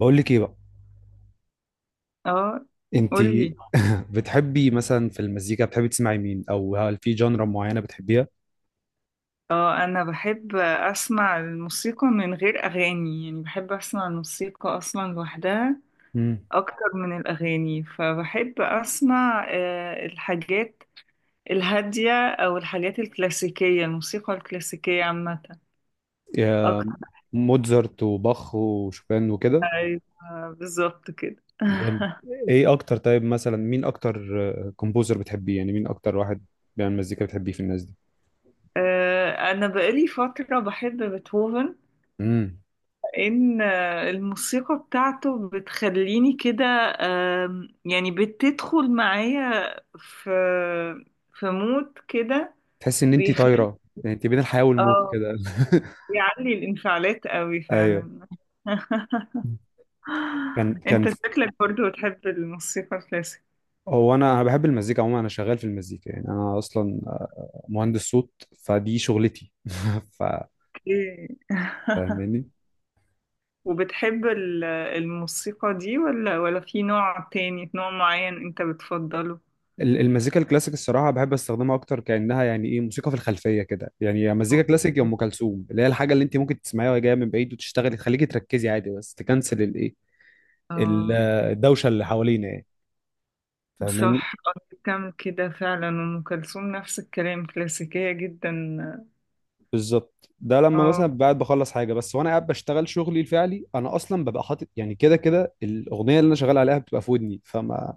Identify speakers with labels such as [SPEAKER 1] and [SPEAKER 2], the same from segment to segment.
[SPEAKER 1] بقول لك ايه بقى.
[SPEAKER 2] اه
[SPEAKER 1] انت.
[SPEAKER 2] قولي.
[SPEAKER 1] بتحبي مثلا في المزيكا، بتحبي تسمعي مين او هل في جانرا معينه بتحبيها؟
[SPEAKER 2] اه انا بحب اسمع الموسيقى من غير اغاني، يعني بحب اسمع الموسيقى اصلا لوحدها
[SPEAKER 1] امم.
[SPEAKER 2] اكتر من الاغاني. فبحب اسمع الحاجات الهادية او الحاجات الكلاسيكية، الموسيقى الكلاسيكية عامة
[SPEAKER 1] يا.
[SPEAKER 2] اكتر.
[SPEAKER 1] موتزارت وباخ وشوبان وكده.
[SPEAKER 2] أيوة، بالظبط كده.
[SPEAKER 1] جامد. ايه اكتر، طيب مثلا مين اكتر كومبوزر بتحبيه، يعني مين اكتر واحد بيعمل مزيكا بتحبيه في الناس دي؟
[SPEAKER 2] انا بقالي فترة بحب بيتهوفن.
[SPEAKER 1] امم.
[SPEAKER 2] ان الموسيقى بتاعته بتخليني كده، يعني بتدخل معايا في في مود كده.
[SPEAKER 1] تحسي ان انت
[SPEAKER 2] بيخلي
[SPEAKER 1] طايره، يعني انت بين الحياه والموت
[SPEAKER 2] اه
[SPEAKER 1] كده.
[SPEAKER 2] بيعلي الانفعالات قوي
[SPEAKER 1] ايوه.
[SPEAKER 2] فعلا.
[SPEAKER 1] كان.
[SPEAKER 2] انت شكلك برضو بتحب الموسيقى الكلاسيك.
[SPEAKER 1] هو انا بحب المزيكا عموما، انا شغال في المزيكا يعني، انا اصلا مهندس صوت، فدي شغلتي. ف
[SPEAKER 2] إيه.
[SPEAKER 1] فاهماني؟
[SPEAKER 2] وبتحب الموسيقى دي، ولا في نوع تاني، نوع معين انت بتفضله؟
[SPEAKER 1] المزيكا الكلاسيك الصراحة بحب استخدمها أكتر، كأنها يعني إيه موسيقى في الخلفية كده، يعني يا مزيكا كلاسيك يا أم كلثوم، اللي هي الحاجة اللي أنت ممكن تسمعيها وهي جاية من بعيد وتشتغلي تخليكي تركزي عادي، بس تكنسل الإيه، ال-
[SPEAKER 2] اه
[SPEAKER 1] الدوشة اللي حوالينا يعني. فاهماني؟
[SPEAKER 2] صح. كم كده فعلا، أم كلثوم نفس الكلام، كلاسيكية جدا.
[SPEAKER 1] بالظبط، ده لما
[SPEAKER 2] اه،
[SPEAKER 1] مثلا قاعد بخلص حاجة بس، وأنا قاعد بشتغل شغلي الفعلي، أنا أصلا ببقى حاطط يعني كده كده الأغنية اللي أنا شغال عليها بتبقى في ودني، فما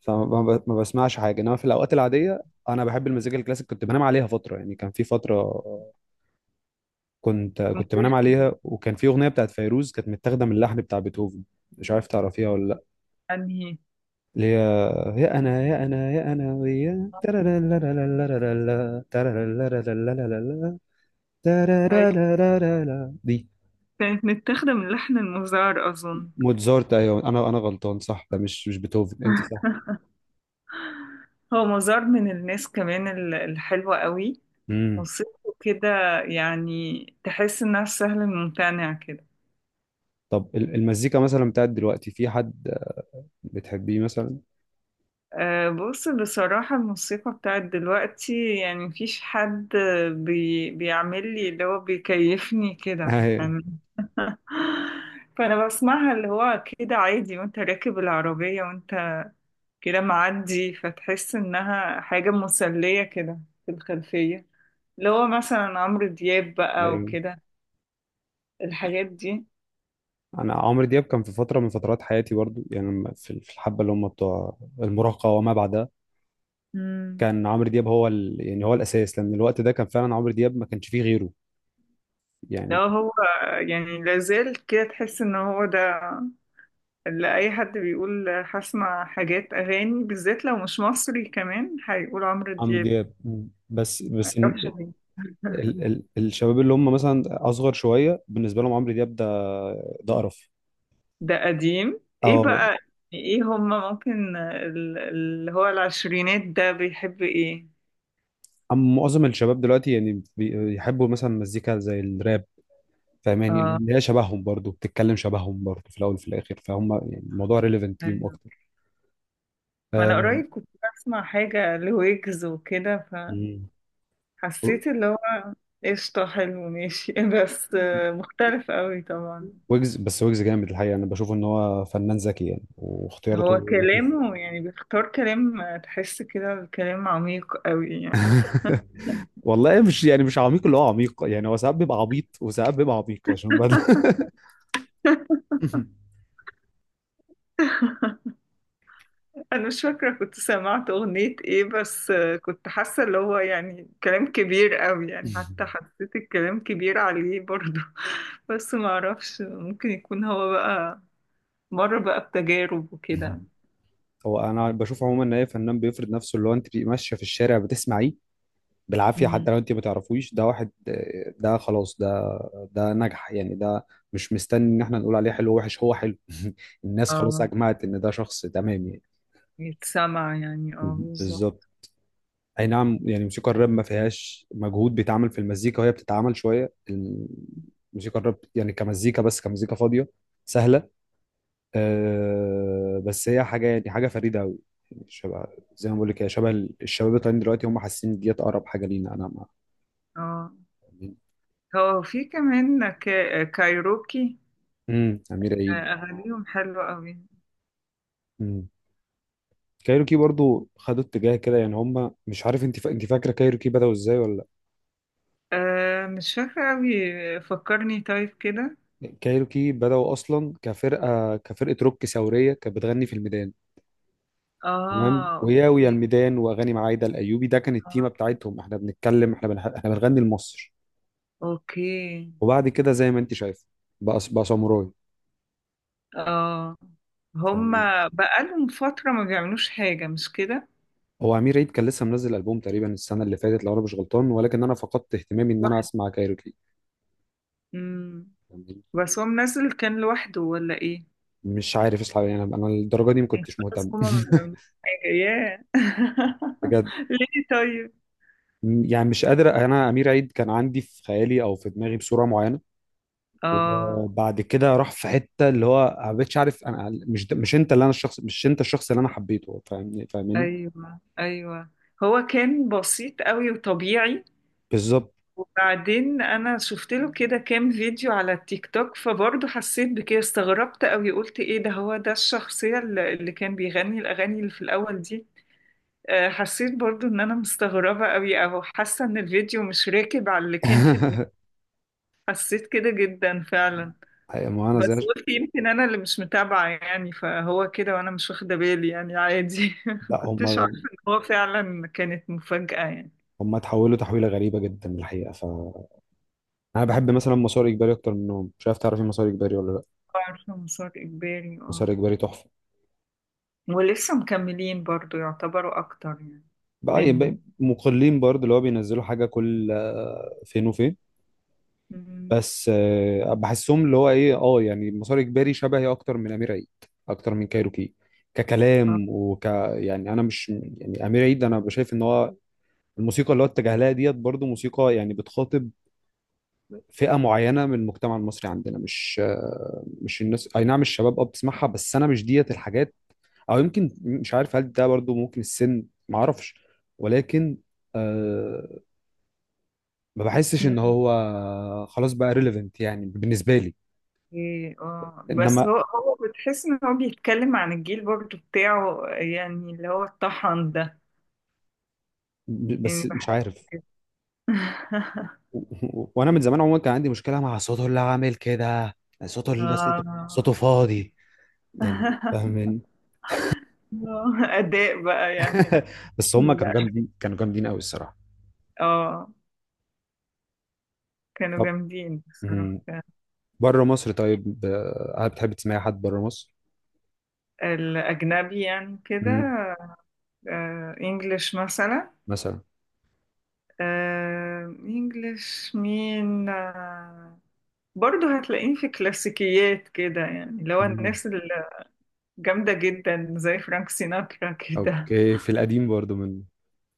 [SPEAKER 1] فما ما ما بسمعش حاجة. إنما في الأوقات العادية أنا بحب المزيكا الكلاسيك، كنت بنام عليها فترة، يعني كان في فترة كنت بنام عليها، وكان في اغنيه بتاعت فيروز كانت متاخده من اللحن بتاع بيتهوفن، مش عارف تعرفيها ولا لا،
[SPEAKER 2] أنهي؟
[SPEAKER 1] اللي هي يا انا يا انا يا انا ويا ترارارارارارارا، ترارارارارارارا،
[SPEAKER 2] هي
[SPEAKER 1] ترارارارارارا. دي
[SPEAKER 2] كانت متاخدة من لحن المزار أظن.
[SPEAKER 1] موتزارت، ايوه، انا غلطان، صح، ده مش بيتهوفن، انت صح.
[SPEAKER 2] هو مزار من الناس كمان الحلوة قوي،
[SPEAKER 1] امم.
[SPEAKER 2] موسيقته كده، يعني تحس إنها سهل الممتنع كده.
[SPEAKER 1] طب، المزيكا مثلا بتاعت دلوقتي، في حد بتحبيه مثلا؟
[SPEAKER 2] أه، بص بصراحة الموسيقى بتاعت دلوقتي يعني مفيش حد بيعمل لي اللي هو بيكيفني كده.
[SPEAKER 1] ايوه،
[SPEAKER 2] فانا بسمعها اللي هو كده عادي، وانت راكب العربية وانت كده معدي، فتحس انها حاجة مسلية كده في الخلفية. اللي هو مثلا عمرو دياب بقى
[SPEAKER 1] ايوه.
[SPEAKER 2] وكده، الحاجات دي.
[SPEAKER 1] انا عمرو دياب كان في فتره من فترات حياتي برضو، يعني في الحبه اللي هم بتوع المراهقه وما بعدها،
[SPEAKER 2] امم.
[SPEAKER 1] كان عمرو دياب هو يعني هو الاساس، لان الوقت ده كان فعلا عمرو دياب، ما كانش فيه غيره يعني.
[SPEAKER 2] لو هو، يعني لازال كده تحس ان هو ده، اللي اي حد بيقول هسمع حاجات اغاني بالذات لو مش مصري كمان هيقول عمرو
[SPEAKER 1] عمرو
[SPEAKER 2] دياب.
[SPEAKER 1] دياب. مم. بس
[SPEAKER 2] معرفش ليه.
[SPEAKER 1] الشباب اللي هم مثلا اصغر شويه، بالنسبه لهم عمرو دياب ده قرف.
[SPEAKER 2] ده قديم، ايه
[SPEAKER 1] اه.
[SPEAKER 2] بقى. يعني ايه هما ممكن، اللي هو العشرينات ده بيحب ايه؟
[SPEAKER 1] أما معظم الشباب دلوقتي يعني بيحبوا مثلا مزيكا زي الراب، فاهماني،
[SPEAKER 2] اه،
[SPEAKER 1] لان هي شبههم برضو بتتكلم، شبههم برضو في الاول وفي الاخر، فهم يعني الموضوع ريليفنت ليهم
[SPEAKER 2] أيوة.
[SPEAKER 1] اكتر.
[SPEAKER 2] ما انا
[SPEAKER 1] آه،
[SPEAKER 2] قريب كنت بسمع حاجة لويجز وكده،
[SPEAKER 1] مم.
[SPEAKER 2] فحسيت اللي هو قشطة حلو ماشي. بس مختلف قوي طبعا.
[SPEAKER 1] ويجز، بس ويجز جامد الحقيقه، انا بشوف ان هو فنان ذكي يعني،
[SPEAKER 2] هو
[SPEAKER 1] واختياراته لطيفه.
[SPEAKER 2] كلامه يعني بيختار كلام، تحس كده الكلام عميق قوي يعني.
[SPEAKER 1] والله مش يعني مش عميق، اللي هو عميق، يعني هو ساعات بيبقى عبيط وساعات بيبقى عميق عشان
[SPEAKER 2] انا مش فاكره كنت سمعت اغنيه ايه، بس كنت حاسه اللي هو يعني كلام كبير قوي يعني، حتى حسيت الكلام كبير عليه برضه. بس ما اعرفش، ممكن يكون هو بقى مر بقى بتجارب وكده.
[SPEAKER 1] هو انا بشوف عموما ان اي فنان بيفرض نفسه، اللي هو انت بتبقي ماشيه في الشارع بتسمعيه بالعافيه،
[SPEAKER 2] مم.
[SPEAKER 1] حتى لو انت ما تعرفوش، ده واحد، ده خلاص، ده نجح يعني، ده مش مستني ان احنا نقول عليه حلو وحش، هو حلو. الناس خلاص
[SPEAKER 2] اه،
[SPEAKER 1] اجمعت ان ده شخص تمام يعني.
[SPEAKER 2] يتسمع يعني، اه
[SPEAKER 1] بالظبط.
[SPEAKER 2] بالظبط.
[SPEAKER 1] اي نعم، يعني الموسيقى الراب ما فيهاش مجهود بيتعمل في المزيكا، وهي بتتعمل شويه، الموسيقى الراب يعني كمزيكا، بس كمزيكا فاضيه سهله. أه، بس هي حاجه، يعني حاجه فريده قوي، شبه، زي ما بقول لك، هي شبه الشباب الطالعين دلوقتي، هم حاسين ديت اقرب حاجه لينا، انا مع.
[SPEAKER 2] اه، هو في كمان كايروكي.
[SPEAKER 1] امم. امير عيد.
[SPEAKER 2] اغانيهم حلوه قوي.
[SPEAKER 1] امم. كايروكي برضو خدوا اتجاه كده، يعني هم، مش عارف، انت انت فاكره كايروكي بداوا ازاي ولا؟
[SPEAKER 2] آه مش فاكره قوي، فكرني طيب كده.
[SPEAKER 1] لا، كايروكي بداوا اصلا كفرقه كفرقه روك ثوريه، كانت بتغني في الميدان، تمام،
[SPEAKER 2] اه،
[SPEAKER 1] وياويا
[SPEAKER 2] اوكي.
[SPEAKER 1] الميدان واغاني معايده الايوبي، ده كان التيمه
[SPEAKER 2] اه،
[SPEAKER 1] بتاعتهم، احنا بنتكلم، احنا بنغني لمصر.
[SPEAKER 2] اوكي.
[SPEAKER 1] وبعد كده زي ما انت شايف، بقى ساموراي.
[SPEAKER 2] اه،
[SPEAKER 1] يعني
[SPEAKER 2] هما بقالهم فترة ما بيعملوش حاجة، مش كده؟
[SPEAKER 1] هو امير عيد كان لسه منزل البوم تقريبا السنه اللي فاتت، لو انا مش غلطان، ولكن انا فقدت اهتمامي ان انا
[SPEAKER 2] واحد.
[SPEAKER 1] اسمع كايروكي
[SPEAKER 2] مم.
[SPEAKER 1] يعني،
[SPEAKER 2] بس هو منزل كان لوحده ولا ايه؟
[SPEAKER 1] مش عارف اصلا يعني، انا الدرجه دي ما
[SPEAKER 2] يعني
[SPEAKER 1] كنتش مهتم.
[SPEAKER 2] خلاص هما ما بيعملوش حاجة، ياه.
[SPEAKER 1] بجد،
[SPEAKER 2] ليه طيب؟
[SPEAKER 1] يعني مش قادر، انا امير عيد كان عندي في خيالي او في دماغي بصوره معينه،
[SPEAKER 2] اه،
[SPEAKER 1] وبعد كده راح في حته اللي هو ما بقتش عارف، انا مش، ده مش انت اللي انا، الشخص مش انت، الشخص اللي انا حبيته. فاهمني؟ فاهمني؟
[SPEAKER 2] ايوه ايوه. هو كان بسيط قوي وطبيعي.
[SPEAKER 1] بالظبط.
[SPEAKER 2] وبعدين انا شفت له كده كام فيديو على التيك توك، فبرضه حسيت بكده، استغربت قوي، قلت ايه ده، هو ده الشخصية اللي كان بيغني الاغاني اللي في الاول دي؟ حسيت برضو ان انا مستغربة قوي، او حاسة ان الفيديو مش راكب على اللي كان في دماغي. حسيت كده جدا فعلا.
[SPEAKER 1] حقيقة ما انا زي.
[SPEAKER 2] بس قلت يمكن انا اللي مش متابعة يعني، فهو كده وانا مش واخدة بالي يعني، عادي.
[SPEAKER 1] لا،
[SPEAKER 2] كنتش عارفة
[SPEAKER 1] هم
[SPEAKER 2] ان هو فعلا، كانت مفاجأة يعني.
[SPEAKER 1] هم اتحولوا تحويله غريبه جدا الحقيقه. انا بحب مثلا مسار اجباري اكتر منهم، مش عارف تعرفي مسار اجباري ولا لا؟
[SPEAKER 2] عارفة مسار اجباري،
[SPEAKER 1] مسار
[SPEAKER 2] اه.
[SPEAKER 1] اجباري تحفه.
[SPEAKER 2] ولسه مكملين برضو، يعتبروا اكتر يعني
[SPEAKER 1] بقى
[SPEAKER 2] منهم.
[SPEAKER 1] يبقى مقلين برضه، اللي هو بينزلوا حاجه كل فين وفين.
[SPEAKER 2] مم.
[SPEAKER 1] بس بحسهم اللي هو ايه، اه يعني مسار اجباري شبهي اكتر من امير عيد اكتر من كايروكي ككلام وك. يعني انا مش يعني امير عيد، انا بشايف ان هو الموسيقى اللي هو اتجه لها ديت، برضه موسيقى يعني بتخاطب فئه معينه من المجتمع المصري عندنا، مش الناس، اي نعم الشباب اه بتسمعها، بس انا مش ديت الحاجات، او يمكن مش عارف، هل ده برضه ممكن السن؟ معرفش، ولكن أه ما بحسش ان
[SPEAKER 2] آه.
[SPEAKER 1] هو خلاص بقى ريليفنت يعني بالنسبه لي.
[SPEAKER 2] إيه، اه بس
[SPEAKER 1] انما
[SPEAKER 2] هو بتحس ان هو بيتكلم عن الجيل برضه بتاعه، يعني اللي هو الطحن ده،
[SPEAKER 1] بس
[SPEAKER 2] يعني
[SPEAKER 1] مش
[SPEAKER 2] بحس
[SPEAKER 1] عارف.
[SPEAKER 2] كده.
[SPEAKER 1] وانا من زمان عموما كان عندي مشكله مع صوته اللي عامل كده، يعني صوته اللي صوته
[SPEAKER 2] اه.
[SPEAKER 1] صوته فاضي يعني،
[SPEAKER 2] آه،
[SPEAKER 1] فاهمين؟
[SPEAKER 2] اداء بقى يعني. نحن.
[SPEAKER 1] بس هم كانوا
[SPEAKER 2] لا،
[SPEAKER 1] جامدين، كانوا جامدين قوي الصراحه.
[SPEAKER 2] اه كانوا
[SPEAKER 1] طب.
[SPEAKER 2] جامدين بصراحة.
[SPEAKER 1] مم. بره مصر طيب، هل بتحب تسمعي حد بره مصر؟
[SPEAKER 2] الأجنبي يعني كده.
[SPEAKER 1] مم.
[SPEAKER 2] انجلش مثلا.
[SPEAKER 1] مثلا.
[SPEAKER 2] انجلش مين، برضو هتلاقيه في كلاسيكيات كده، يعني لو
[SPEAKER 1] مم.
[SPEAKER 2] الناس جامدة جدا زي فرانك سيناترا كده.
[SPEAKER 1] اوكي، في القديم برضو من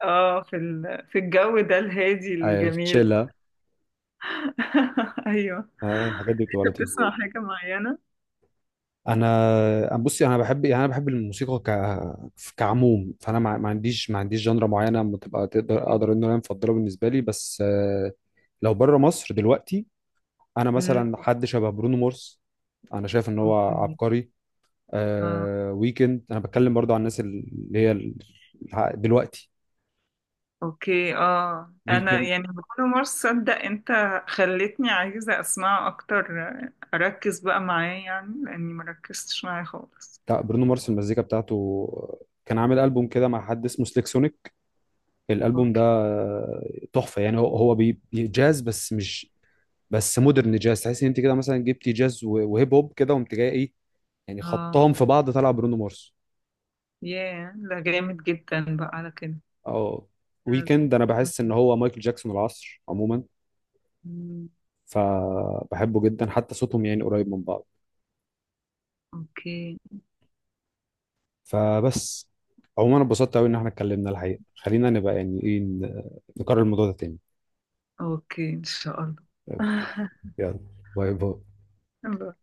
[SPEAKER 2] اه، في الجو ده الهادي
[SPEAKER 1] في
[SPEAKER 2] الجميل.
[SPEAKER 1] تشيلا.
[SPEAKER 2] ايوه.
[SPEAKER 1] الحاجات دي بتبقى
[SPEAKER 2] انت بتسمع
[SPEAKER 1] لطيفه.
[SPEAKER 2] حاجة معينة؟
[SPEAKER 1] انا بصي، انا بحب يعني، انا بحب الموسيقى كعموم، فانا ما عنديش جنرا معينه بتبقى تقدر اقدر ان انا مفضله بالنسبه لي، بس لو بره مصر دلوقتي، انا
[SPEAKER 2] امم.
[SPEAKER 1] مثلا حد شبه برونو مارس، انا شايف ان هو
[SPEAKER 2] اوكي.
[SPEAKER 1] عبقري.
[SPEAKER 2] اه،
[SPEAKER 1] ويكند انا بتكلم برضو عن الناس اللي هي دلوقتي.
[SPEAKER 2] اوكي. اه، انا
[SPEAKER 1] ويكند
[SPEAKER 2] يعني بكل مرة صدق انت خلتني عايزة اسمعه اكتر، اركز بقى معاه يعني، لاني مركزتش معاه خالص.
[SPEAKER 1] بتاع برونو مارس، المزيكا بتاعته كان عامل ألبوم كده مع حد اسمه سليك سونيك، الألبوم ده
[SPEAKER 2] اوكي.
[SPEAKER 1] تحفة يعني، هو جاز، بس مش بس مودرن جاز، تحس ان انت كده مثلا جبتي جاز وهيب هوب كده، وقمت جاي ايه، يعني
[SPEAKER 2] اه،
[SPEAKER 1] خبطهم في بعض طلع برونو مارس.
[SPEAKER 2] ياه، ده جامد جدا بقى على كده.
[SPEAKER 1] اه، ويكند انا بحس ان هو مايكل جاكسون العصر عموما،
[SPEAKER 2] مم.
[SPEAKER 1] فبحبه جدا، حتى صوتهم يعني قريب من بعض.
[SPEAKER 2] اوكي.
[SPEAKER 1] فبس. عموما أنا اتبسطت قوي ان احنا اتكلمنا الحقيقه، خلينا نبقى يعني ايه، نكرر الموضوع ده تاني.
[SPEAKER 2] اوكي، ان شاء الله.
[SPEAKER 1] يلا، باي باي.
[SPEAKER 2] الله.